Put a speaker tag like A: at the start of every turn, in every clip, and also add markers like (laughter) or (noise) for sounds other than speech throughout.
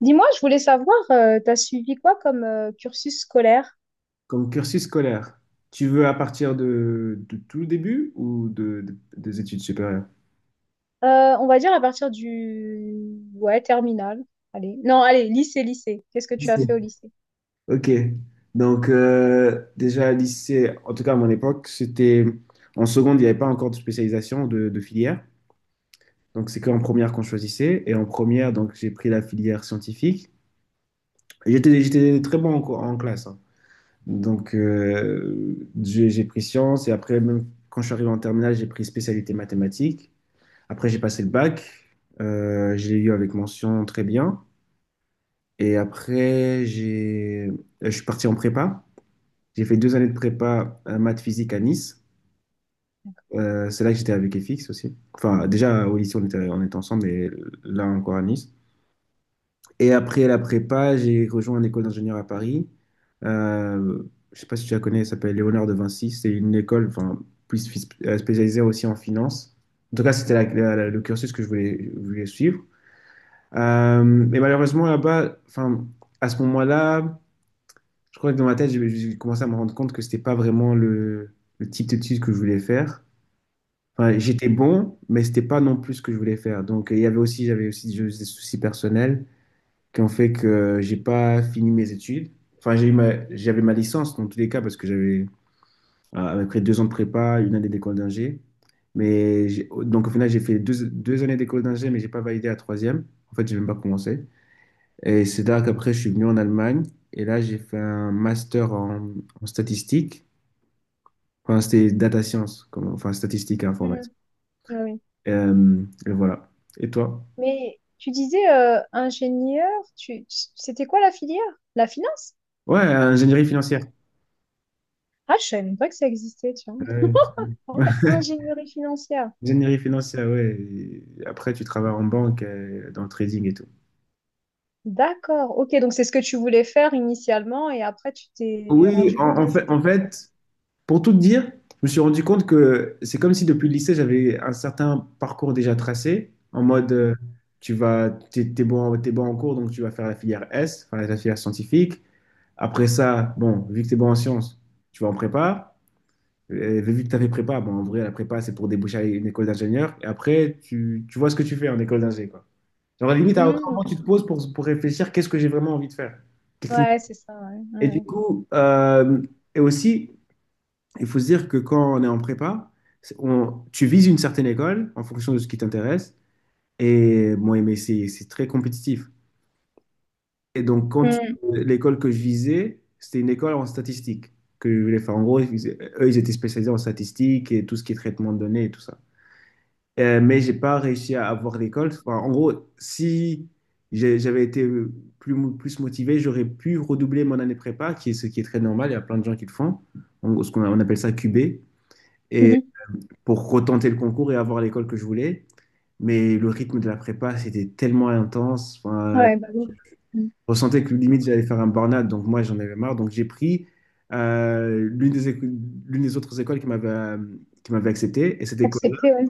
A: Dis-moi, je voulais savoir, t'as suivi quoi comme cursus scolaire?
B: Comme cursus scolaire, tu veux à partir de tout le début ou des études supérieures?
A: On va dire à partir du... Ouais, terminal. Allez. Non, allez, lycée, lycée. Qu'est-ce que tu as fait
B: Lycée.
A: au lycée?
B: Ok. Donc, déjà, lycée, en tout cas à mon époque, c'était en seconde, il n'y avait pas encore de spécialisation de filière. Donc, c'est qu'en première qu'on choisissait. Et en première, donc, j'ai pris la filière scientifique. Et j'étais très bon en classe, hein. Donc, j'ai pris sciences. Et après, même quand je suis arrivé en terminale, j'ai pris spécialité mathématiques. Après, j'ai passé le bac. Je l'ai eu avec mention très bien. Et après, je suis parti en prépa. J'ai fait 2 années de prépa maths physique à Nice. C'est là que j'étais avec FX aussi. Enfin, déjà au lycée, on était ensemble, et là encore à Nice. Et après la prépa, j'ai rejoint une école d'ingénieur à Paris. Euh, je sais pas si tu la connais, elle s'appelle Léonard de Vinci. C'est une école, enfin, plus spécialisée aussi en finance. En tout cas, c'était le cursus que je voulais suivre. Mais malheureusement, là-bas, enfin, à ce moment-là, je crois que dans ma tête, j'ai commencé à me rendre compte que c'était pas vraiment le type d'études que je voulais faire. Enfin, j'étais bon, mais c'était pas non plus ce que je voulais faire. Donc, il y avait aussi, j'avais aussi des soucis personnels qui ont fait que j'ai pas fini mes études. Enfin, j'avais ma licence dans tous les cas parce que j'avais, après 2 ans de prépa, 1 année d'école d'ingé. Mais donc, au final, j'ai fait deux années d'école d'ingé, mais j'ai pas validé la troisième. En fait, j'ai même pas commencé. Et c'est là qu'après, je suis venu en Allemagne. Et là, j'ai fait un master en statistique. Enfin, c'était data science, enfin, statistique et informatique.
A: Mhm. Ouais, ouais.
B: Et voilà. Et toi?
A: Mais tu disais ingénieur, tu... c'était quoi la filière? La finance?
B: Ouais, ingénierie financière.
A: Ah, je savais même pas que ça existait, tu vois.
B: Ouais.
A: En fait,
B: (laughs)
A: ingénierie financière.
B: Ingénierie financière, ouais. Et après, tu travailles en banque, dans le trading et tout.
A: D'accord, ok, donc c'est ce que tu voulais faire initialement et après tu t'es
B: Oui,
A: rendu compte que c'était pas ça.
B: pour tout te dire, je me suis rendu compte que c'est comme si depuis le lycée, j'avais un certain parcours déjà tracé, en mode,
A: Mhm.
B: tu vas, t'es bon en cours, donc tu vas faire la filière S, enfin la filière scientifique. Après ça, bon, vu que t'es bon en sciences, tu vas en prépa. Et vu que t'as fait prépa, bon, en vrai, la prépa, c'est pour déboucher à une école d'ingénieur. Et après, tu vois ce que tu fais en école d'ingé, quoi. Genre, limite, à aucun
A: Mhm,
B: moment, tu te
A: d'accord.
B: poses pour réfléchir, qu'est-ce que j'ai vraiment envie de faire? Qu'est-ce qui me-
A: Ouais, c'est ça, ouais,
B: Et du
A: ouais.
B: coup, et aussi, il faut se dire que quand on est en prépa, tu vises une certaine école en fonction de ce qui t'intéresse. Et bon, mais c'est très compétitif. Et donc,
A: Mhm.
B: l'école que je visais, c'était une école en statistique que je voulais faire. En gros, eux, ils étaient spécialisés en statistique et tout ce qui est traitement de données et tout ça. Mais j'ai pas réussi à avoir l'école. Enfin, en gros, si j'avais été plus motivé, j'aurais pu redoubler mon année prépa, qui est ce qui est très normal. Il y a plein de gens qui le font. En gros, ce qu'on appelle ça QB. Et
A: Mhm.
B: pour retenter le concours et avoir l'école que je voulais. Mais le rythme de la prépa, c'était tellement intense. Enfin,
A: Ouais, bah oui. Mm.
B: je ressentais que limite, j'allais faire un burn-out. Donc, moi, j'en avais marre. Donc, j'ai pris, euh, l'une des, éco- l'une des autres écoles qui m'avait, qui m'avait accepté. Et
A: Accepter, ouais.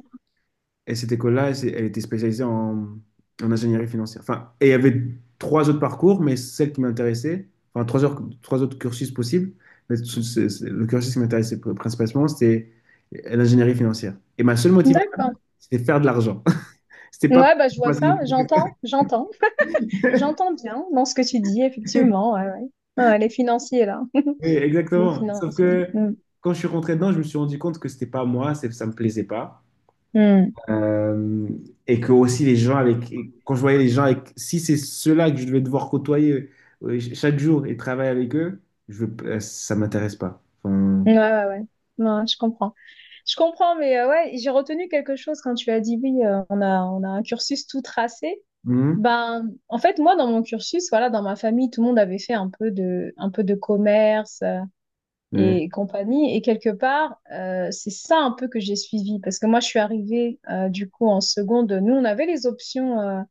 B: elle était spécialisée en ingénierie financière. Enfin, et il y avait trois autres parcours, mais celle qui m'intéressait, enfin, trois autres cursus possibles. Mais le cursus qui m'intéressait principalement, c'était l'ingénierie financière. Et ma seule motivation,
A: D'accord.
B: c'était faire de l'argent. (laughs) C'était pas
A: Ouais, bah je
B: pour
A: vois
B: passer les
A: ça,
B: plus que-
A: j'entends, j'entends. J'entends bien dans ce que tu dis, effectivement. Ouais, ouais. Ouais, les financiers, là. (laughs)
B: Oui,
A: Les
B: exactement. Sauf
A: financiers.
B: que
A: Mm.
B: quand je suis rentré dedans, je me suis rendu compte que c'était pas moi, ça me plaisait pas.
A: Mm.
B: Euh, et que aussi les gens avec, et quand je voyais les gens avec, si c'est ceux-là que je devais devoir côtoyer chaque jour et travailler avec eux, ça m'intéresse pas. Enfin,
A: Ouais, ouais, ouais. Ouais, je comprends. Je comprends, mais ouais, j'ai retenu quelque chose quand tu as dit oui, on a un cursus tout tracé.
B: mhm,
A: Ben, en fait, moi, dans mon cursus, voilà, dans ma famille, tout le monde avait fait un peu de commerce
B: mhm,
A: et compagnie. Et quelque part, c'est ça un peu que j'ai suivi, parce que moi, je suis arrivée du coup en seconde. Nous, on avait les options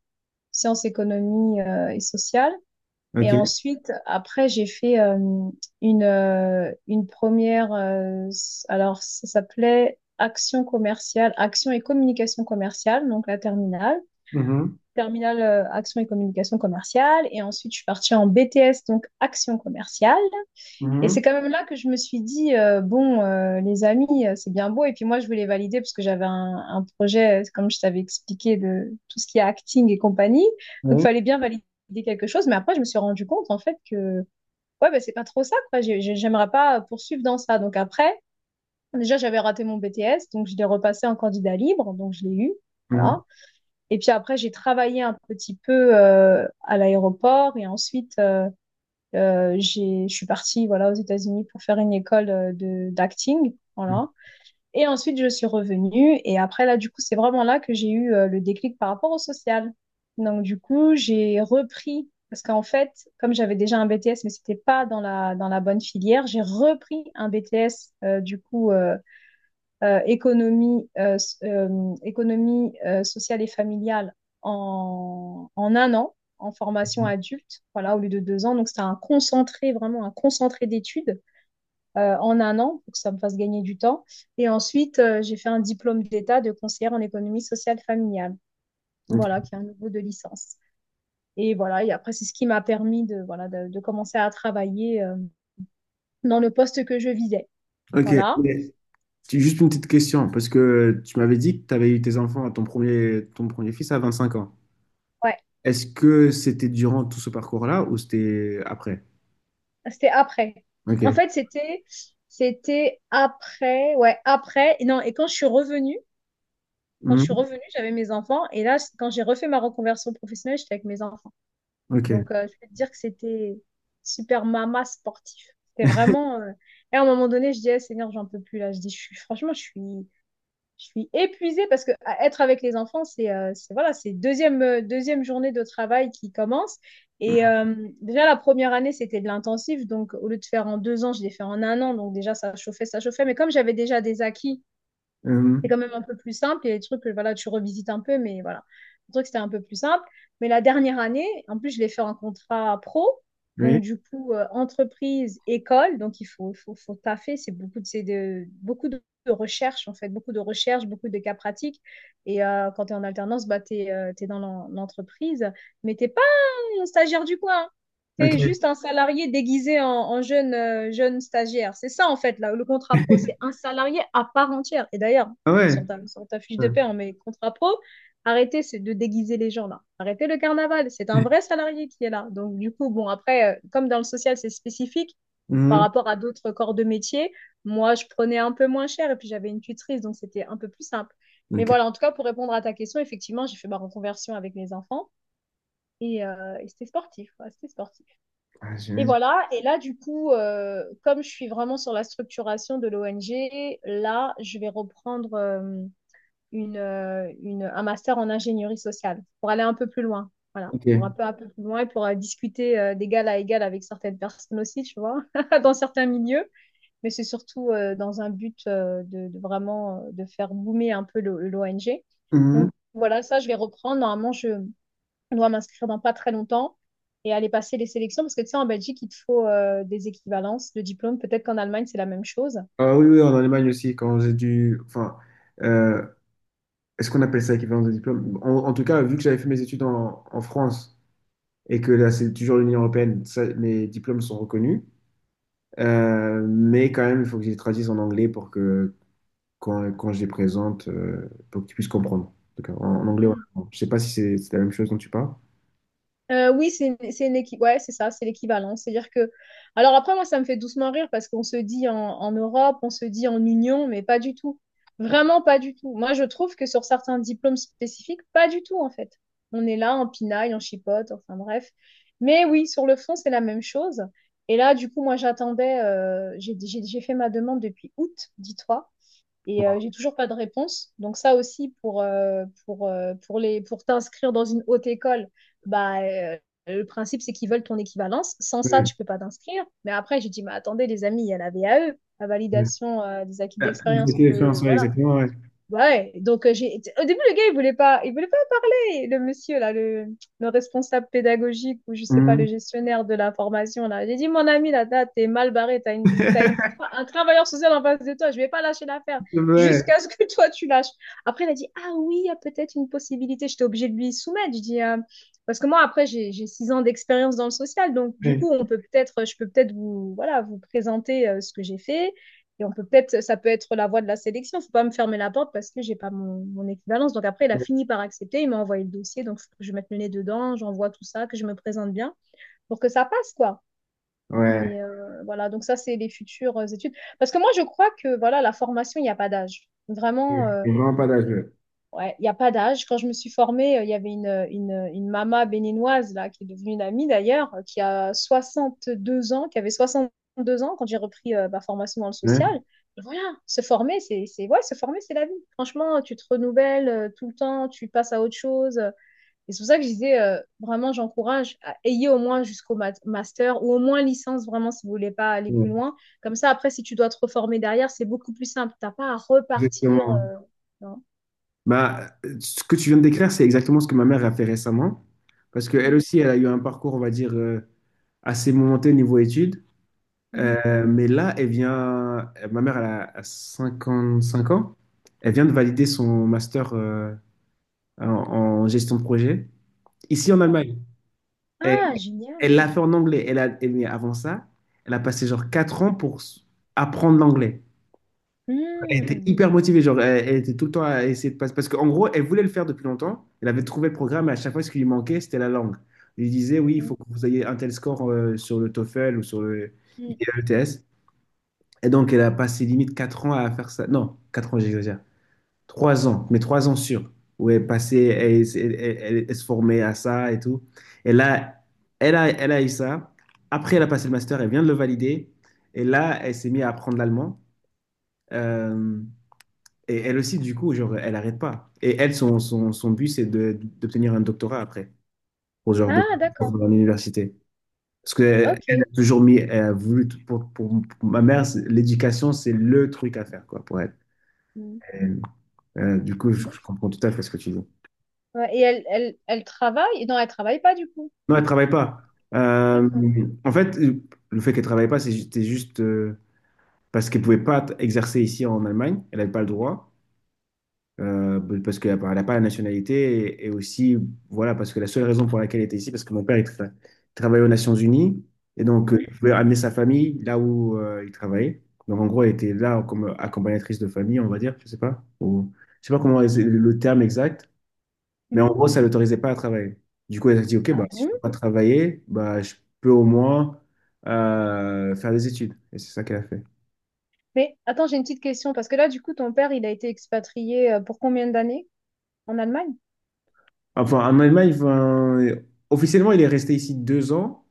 A: sciences, économie et sociales. Et
B: ok.
A: ensuite, après, j'ai fait une première, alors ça s'appelait action commerciale, action et communication commerciale, donc la terminale.
B: Mhm,
A: Terminale action et communication commerciale. Et ensuite, je suis partie en BTS, donc action commerciale. Et
B: mhm,
A: c'est quand même là que je me suis dit, bon, les amis, c'est bien beau. Et puis moi, je voulais valider parce que j'avais un projet, comme je t'avais expliqué, de tout ce qui est acting et compagnie. Donc, il
B: ouais,
A: fallait bien valider quelque chose. Mais après, je me suis rendu compte, en fait, que ouais, bah, c'est pas trop ça, quoi. J'aimerais pas poursuivre dans ça. Donc, après, déjà, j'avais raté mon BTS. Donc, je l'ai repassé en candidat libre. Donc, je l'ai eu.
B: mhm,
A: Voilà. Et puis après, j'ai travaillé un petit peu à l'aéroport et ensuite, je suis partie voilà, aux États-Unis pour faire une école d'acting. Voilà. Et ensuite, je suis revenue. Et après, là, du coup, c'est vraiment là que j'ai eu le déclic par rapport au social. Donc, du coup, j'ai repris, parce qu'en fait, comme j'avais déjà un BTS, mais c'était pas dans la bonne filière, j'ai repris un BTS, du coup, économie, économie sociale et familiale en un an, en formation adulte, voilà, au lieu de deux ans. Donc, c'était un concentré, vraiment un concentré d'études en un an pour que ça me fasse gagner du temps. Et ensuite, j'ai fait un diplôme d'État de conseillère en économie sociale familiale,
B: mhm.
A: voilà, qui est un niveau de licence. Et voilà, et après, c'est ce qui m'a permis de, voilà, de commencer à travailler dans le poste que je visais.
B: Ok. Ok.
A: Voilà.
B: J'ai juste une petite question, parce que tu m'avais dit que tu avais eu tes enfants, ton premier fils à 25 ans.
A: Ouais.
B: Est-ce que c'était durant tout ce parcours-là ou c'était après?
A: C'était après. En
B: Ok.
A: fait, c'était après, ouais, après. Et non, et quand je suis revenue, quand je suis
B: Hmm.
A: revenue, j'avais mes enfants. Et là, quand j'ai refait ma reconversion professionnelle, j'étais avec mes enfants.
B: Ok.
A: Donc, je peux te dire que c'était super mama sportif. C'était
B: (laughs)
A: vraiment. Et à un moment donné, je dis, Eh, Seigneur, j'en peux plus là. Je dis, je suis, franchement, je suis épuisée parce que à être avec les enfants, voilà, c'est deuxième, deuxième journée de travail qui commence. Et déjà, la première année, c'était de l'intensif. Donc, au lieu de faire en deux ans, je l'ai fait en un an. Donc, déjà, ça chauffait, ça chauffait. Mais comme j'avais déjà des acquis, c'est
B: Hmm.
A: quand même un peu plus simple. Il y a des trucs que voilà, tu revisites un peu, mais voilà. Le truc, c'était un peu plus simple. Mais la dernière année, en plus, je l'ai fait en contrat pro.
B: Oui.
A: Donc, du coup, entreprise, école. Donc, il faut taffer. C'est beaucoup de, c'est de, beaucoup de recherche, en fait, beaucoup de recherche, beaucoup de cas pratiques. Et quand tu es en alternance, bah, tu es, dans l'entreprise, mais tu un stagiaire du coin. C'est
B: Ok.
A: juste un salarié déguisé en jeune stagiaire. C'est ça, en fait, là, le contrat pro, c'est
B: (laughs)
A: un salarié à part entière. Et d'ailleurs,
B: Ah
A: sur
B: ouais.
A: ta, sur ta fiche de paie, on met contrat pro. Arrêtez c'est de déguiser les gens, là. Arrêtez le carnaval. C'est un vrai salarié qui est là. Donc, du coup, bon, après, comme dans le social, c'est spécifique par
B: Hmm.
A: rapport à d'autres corps de métier, moi, je prenais un peu moins cher et puis j'avais une tutrice, donc c'était un peu plus simple. Mais
B: Ok.
A: voilà, en tout cas, pour répondre à ta question, effectivement, j'ai fait ma reconversion avec mes enfants. Et c'était sportif, quoi, c'était sportif.
B: Ah,
A: Et
B: j'imagine.
A: voilà, et là, du coup, comme je suis vraiment sur la structuration de l'ONG, là, je vais reprendre un master en ingénierie sociale pour aller un peu plus loin. Voilà, pour un
B: Ok.
A: peu, un peu plus loin et pour discuter d'égal à égal avec certaines personnes aussi, tu vois, (laughs) dans certains milieux. Mais c'est surtout dans un but de vraiment de faire boomer un peu l'ONG.
B: Mhm.
A: Donc voilà, ça, je vais reprendre. Normalement, je dois m'inscrire dans pas très longtemps et aller passer les sélections parce que tu sais, en Belgique, il te faut des équivalences de diplômes. Peut-être qu'en Allemagne, c'est la même chose.
B: Ah oui, oui, en Allemagne aussi, quand j'ai dû. Enfin, euh, est-ce qu'on appelle ça équivalence de diplôme? En tout cas, vu que j'avais fait mes études en France et que là, c'est toujours l'Union européenne, ça, mes diplômes sont reconnus. Mais quand même, il faut que je les traduise en anglais pour que quand je les présente, pour que tu puisses comprendre. Donc, en anglais,
A: Hmm.
B: ou je sais pas si c'est la même chose dont tu parles.
A: Oui, c'est une équipe. Ouais, c'est ça, c'est l'équivalent. C'est-à-dire que. Alors après, moi, ça me fait doucement rire parce qu'on se dit en Europe, on se dit en Union, mais pas du tout. Vraiment pas du tout. Moi, je trouve que sur certains diplômes spécifiques, pas du tout, en fait. On est là en pinaille, en chipote, enfin bref. Mais oui, sur le fond, c'est la même chose. Et là, du coup, moi, j'attendais. J'ai fait ma demande depuis août, dis-toi. Et j'ai toujours pas de réponse. Donc ça aussi, pour t'inscrire dans une haute école, bah, le principe, c'est qu'ils veulent ton équivalence. Sans ça,
B: Ouais,
A: tu peux pas t'inscrire. Mais après, j'ai dit, mais attendez, les amis, il y a la VAE, la
B: ouais.
A: validation des acquis
B: Euh,
A: d'expérience. On
B: Goûter
A: peut,
B: l'expérience, ouais,
A: voilà.
B: exactement, ouais.
A: Ouais. Donc, au début, le gars, il voulait pas. Ouais, le monsieur, là, le responsable pédagogique ou je sais pas,
B: Mhm.
A: le gestionnaire de la formation, là, j'ai dit, mon ami, là, là, t'es mal barré,
B: (laughs)
A: un travailleur social en face de toi, je vais pas lâcher l'affaire
B: Ouais,
A: jusqu'à ce que (laughs) toi, tu lâches. Après, il a dit, ah oui, il y a peut-être une possibilité. J'étais obligée de lui soumettre. Je dis, parce que moi, après, j'ai six ans d'expérience dans le social, donc du
B: ouais,
A: coup, je peux peut-être vous, voilà, vous présenter ce que j'ai fait et ça peut être la voie de la sélection. Il ne faut pas me fermer la porte parce que j'ai pas mon équivalence. Donc après, il a
B: ouais,
A: fini par accepter. Il m'a envoyé le dossier. Donc il faut que je mette le nez dedans, j'envoie tout ça, que je me présente bien pour que ça passe, quoi.
B: ouais,
A: Mais voilà, donc ça, c'est les futures études. Parce que moi, je crois que voilà, la formation, il n'y a pas d'âge. Vraiment,
B: c'est vraiment pas d'âge.
A: ouais, il n'y a pas d'âge. Quand je me suis formée, il y avait une maman béninoise là, qui est devenue une amie d'ailleurs, qui a 62 ans, qui avait 62 ans quand j'ai repris ma formation dans le social.
B: Ouais.
A: Voilà, se former, ouais, se former, c'est la vie. Franchement, tu te renouvelles tout le temps, tu passes à autre chose. Et c'est pour ça que je disais, vraiment, j'encourage, ayez au moins jusqu'au master ou au moins licence, vraiment, si vous voulez pas aller
B: Ouais,
A: plus loin. Comme ça, après, si tu dois te reformer derrière, c'est beaucoup plus simple. T'as pas à repartir.
B: exactement.
A: Non.
B: Bah, ce que tu viens de décrire, c'est exactement ce que ma mère a fait récemment. Parce qu'elle
A: Mhm.
B: aussi, elle a eu un parcours, on va dire, assez momenté niveau études.
A: Mhm.
B: Mais là, ma mère, elle a 5 ans. Elle vient de valider son master, en, en gestion de projet ici en
A: D'accord.
B: Allemagne. Elle,
A: Ah,
B: elle
A: génial.
B: l'a fait en anglais. Mais avant ça, elle a passé genre 4 ans pour apprendre l'anglais. Elle était
A: Hmm.
B: hyper motivée. Genre, elle était tout le temps à essayer de passer. Parce qu'en gros, elle voulait le faire depuis longtemps. Elle avait trouvé le programme et à chaque fois, ce qui lui manquait, c'était la langue. Il disait, oui, il
A: Hmm,
B: faut que vous ayez un tel score, sur le TOEFL ou sur le
A: hmm.
B: IELTS. Et donc, elle a passé limite 4 ans à faire ça. Non, 4 ans, j'exagère. 3 ans, mais 3 ans sûrs, où elle passait, elle se formait à ça et tout. Et là, elle a eu ça. Après, elle a passé le master, elle vient de le valider. Et là, elle s'est mise à apprendre l'allemand. Euh, et elle aussi, du coup, genre, elle n'arrête pas. Et elle, son but, c'est d'obtenir un doctorat après, pour genre de,
A: Ah, d'accord.
B: dans l'université. Parce qu'elle
A: Ok.
B: a toujours mis, elle a voulu, pour ma mère, l'éducation, c'est le truc à faire, quoi, pour elle.
A: Hmm.
B: Euh, du coup, je
A: D'ac-
B: comprends tout à fait ce que tu dis.
A: ouais, et elle travaille? Non, elle travaille pas du coup.
B: Non, elle travaille pas. Euh,
A: D'accord.
B: en fait, le fait qu'elle travaille pas, c'était juste, parce qu'elle pouvait pas exercer ici en Allemagne. Elle n'avait pas le droit, parce qu'elle n'a a pas la nationalité, et aussi, voilà, parce que la seule raison pour laquelle elle était ici, parce que mon père il travaillait aux Nations Unies, et donc,
A: Mhm,
B: il pouvait amener sa famille là où, il travaillait. Donc en gros, elle était là comme accompagnatrice de famille, on va dire, je sais pas, ou je sais pas comment le terme exact. Mais en
A: mhm.
B: gros, ça ne l'autorisait pas à travailler. Du coup, elle a dit, OK, bah,
A: Ah
B: si je ne
A: bon?
B: peux pas travailler, bah, je peux au moins, faire des études. Et c'est ça qu'elle a fait.
A: Mais attends, j'ai une petite question parce que là, du coup, ton père, il a été expatrié pour combien d'années en Allemagne?
B: Enfin, en Allemagne, enfin, officiellement, il est resté ici 2 ans,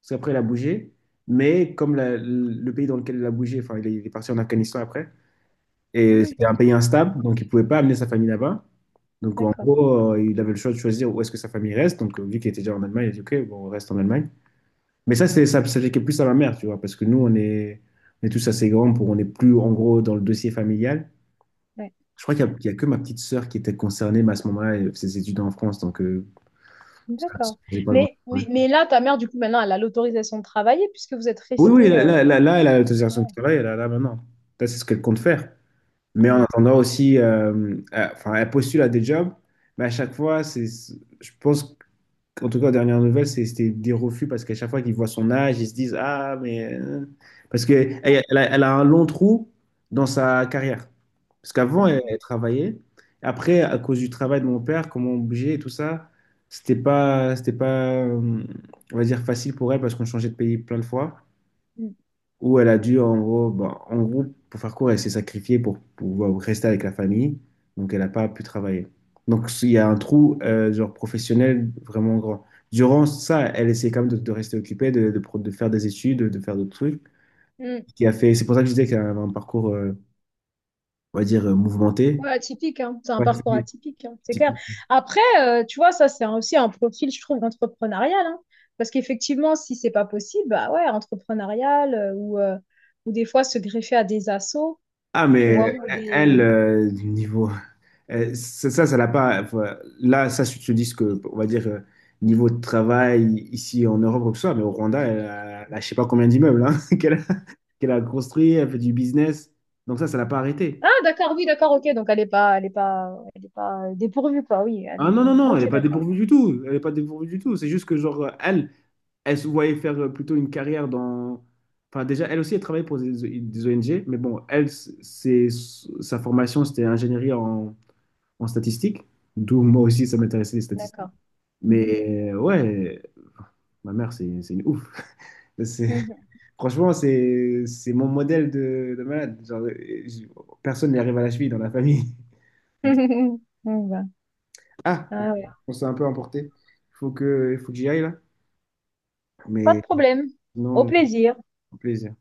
B: parce qu'après, il a bougé. Mais comme le pays dans lequel il a bougé, enfin, il est parti en Afghanistan après,
A: Ah
B: et
A: ouais,
B: c'était un pays instable, donc il ne pouvait pas amener sa famille là-bas. Donc, en
A: d'accord.
B: gros, il avait le choix de choisir où est-ce que sa famille reste. Donc, vu qu'il était déjà en Allemagne, il a dit, OK, bon, on reste en Allemagne. Mais ça, ça, ça fait que plus à ma mère, tu vois, parce que nous, on est tous assez grands pour, on n'est plus, en gros, dans le dossier familial.
A: Ouais.
B: Je crois qu'il y a que ma petite sœur qui était concernée, mais à ce moment-là, elle faisait ses études en France, donc, ça,
A: D'accord.
B: j'ai pas grand-
A: Mais,
B: Ouais.
A: mais, mais là, ta mère, du coup, maintenant, elle a l'autorisation de travailler puisque vous êtes
B: Oui, oui,
A: resté.
B: là, là, là, là, elle a l'autorisation de
A: Ouais.
B: travail, elle a là maintenant. Là, c'est ce qu'elle compte faire. Mais en
A: Hmm.
B: attendant aussi, enfin, elle postule à des jobs, mais à chaque fois, c'est, je pense. En tout cas, aux dernières nouvelles, c'était des refus parce qu'à chaque fois qu'ils voient son âge, ils se disent, Ah, mais, parce qu'elle elle
A: Ouais.
B: elle a, elle a un long trou dans sa carrière. Parce
A: Ah,
B: qu'avant, elle,
A: là.
B: elle travaillait. Après, à cause du travail de mon père, comment on bougeait et tout ça, c'était pas, on va dire, facile pour elle parce qu'on changeait de pays plein de fois où elle a dû, en gros, bah, en gros, pour faire court, elle s'est sacrifiée pour pouvoir rester avec la famille, donc elle n'a pas pu travailler. Donc il y a un trou, genre professionnel vraiment grand. Durant ça, elle essaie quand même de rester occupée, de faire des études, de faire d'autres trucs.
A: Hmm.
B: Ce qui a fait, c'est pour ça que je disais qu'elle avait un parcours, on va dire, mouvementé.
A: Ouais, atypique, hein. C'est un
B: Ouais,
A: parcours atypique, hein, c'est
B: c'est-
A: clair. Après, tu vois, ça, c'est aussi un profil, je trouve, entrepreneurial, hein. Parce qu'effectivement, si c'est pas possible, bah ouais, entrepreneurial ou des fois se greffer à des assos,
B: Ah,
A: tu vois,
B: mais
A: ou
B: elle,
A: des...
B: niveau, ça, ça l'a pas. Enfin, là, ça, se disent que, on va dire, niveau de travail ici en Europe, ou que ce soit, mais au Rwanda, elle a je sais pas combien d'immeubles, hein, (laughs) qu'elle a construit, elle fait du business. Donc, ça l'a pas
A: Ah,
B: arrêté.
A: d'accord, oui, d'accord, ok. Donc, elle est pas, elle est pas, elle est pas dépourvue, quoi, oui.
B: Ah non, non, non, elle n'est
A: Ok,
B: pas
A: d'accord,
B: dépourvue du tout. Elle n'est pas dépourvue du tout. C'est juste que, genre, elle se voyait faire, plutôt une carrière dans. Enfin, déjà, elle aussi, elle travaille pour des ONG, mais bon, sa formation, c'était ingénierie en statistique, d'où moi aussi, ça m'intéressait les statistiques.
A: d'accord. Mhm,
B: Mais ouais, ma mère, c'est une ouf. C'est-
A: mhm.
B: (laughs) Franchement, c'est mon modèle de malade. Genre, je- personne n'y arrive à la cheville dans la famille. (laughs)
A: (laughs) Bon, bah,
B: Ah,
A: ah ouais.
B: on s'est un peu emporté. Il faut que j'y aille là.
A: Pas de
B: Mais
A: problème. Au
B: sinon,
A: plaisir.
B: plaisir.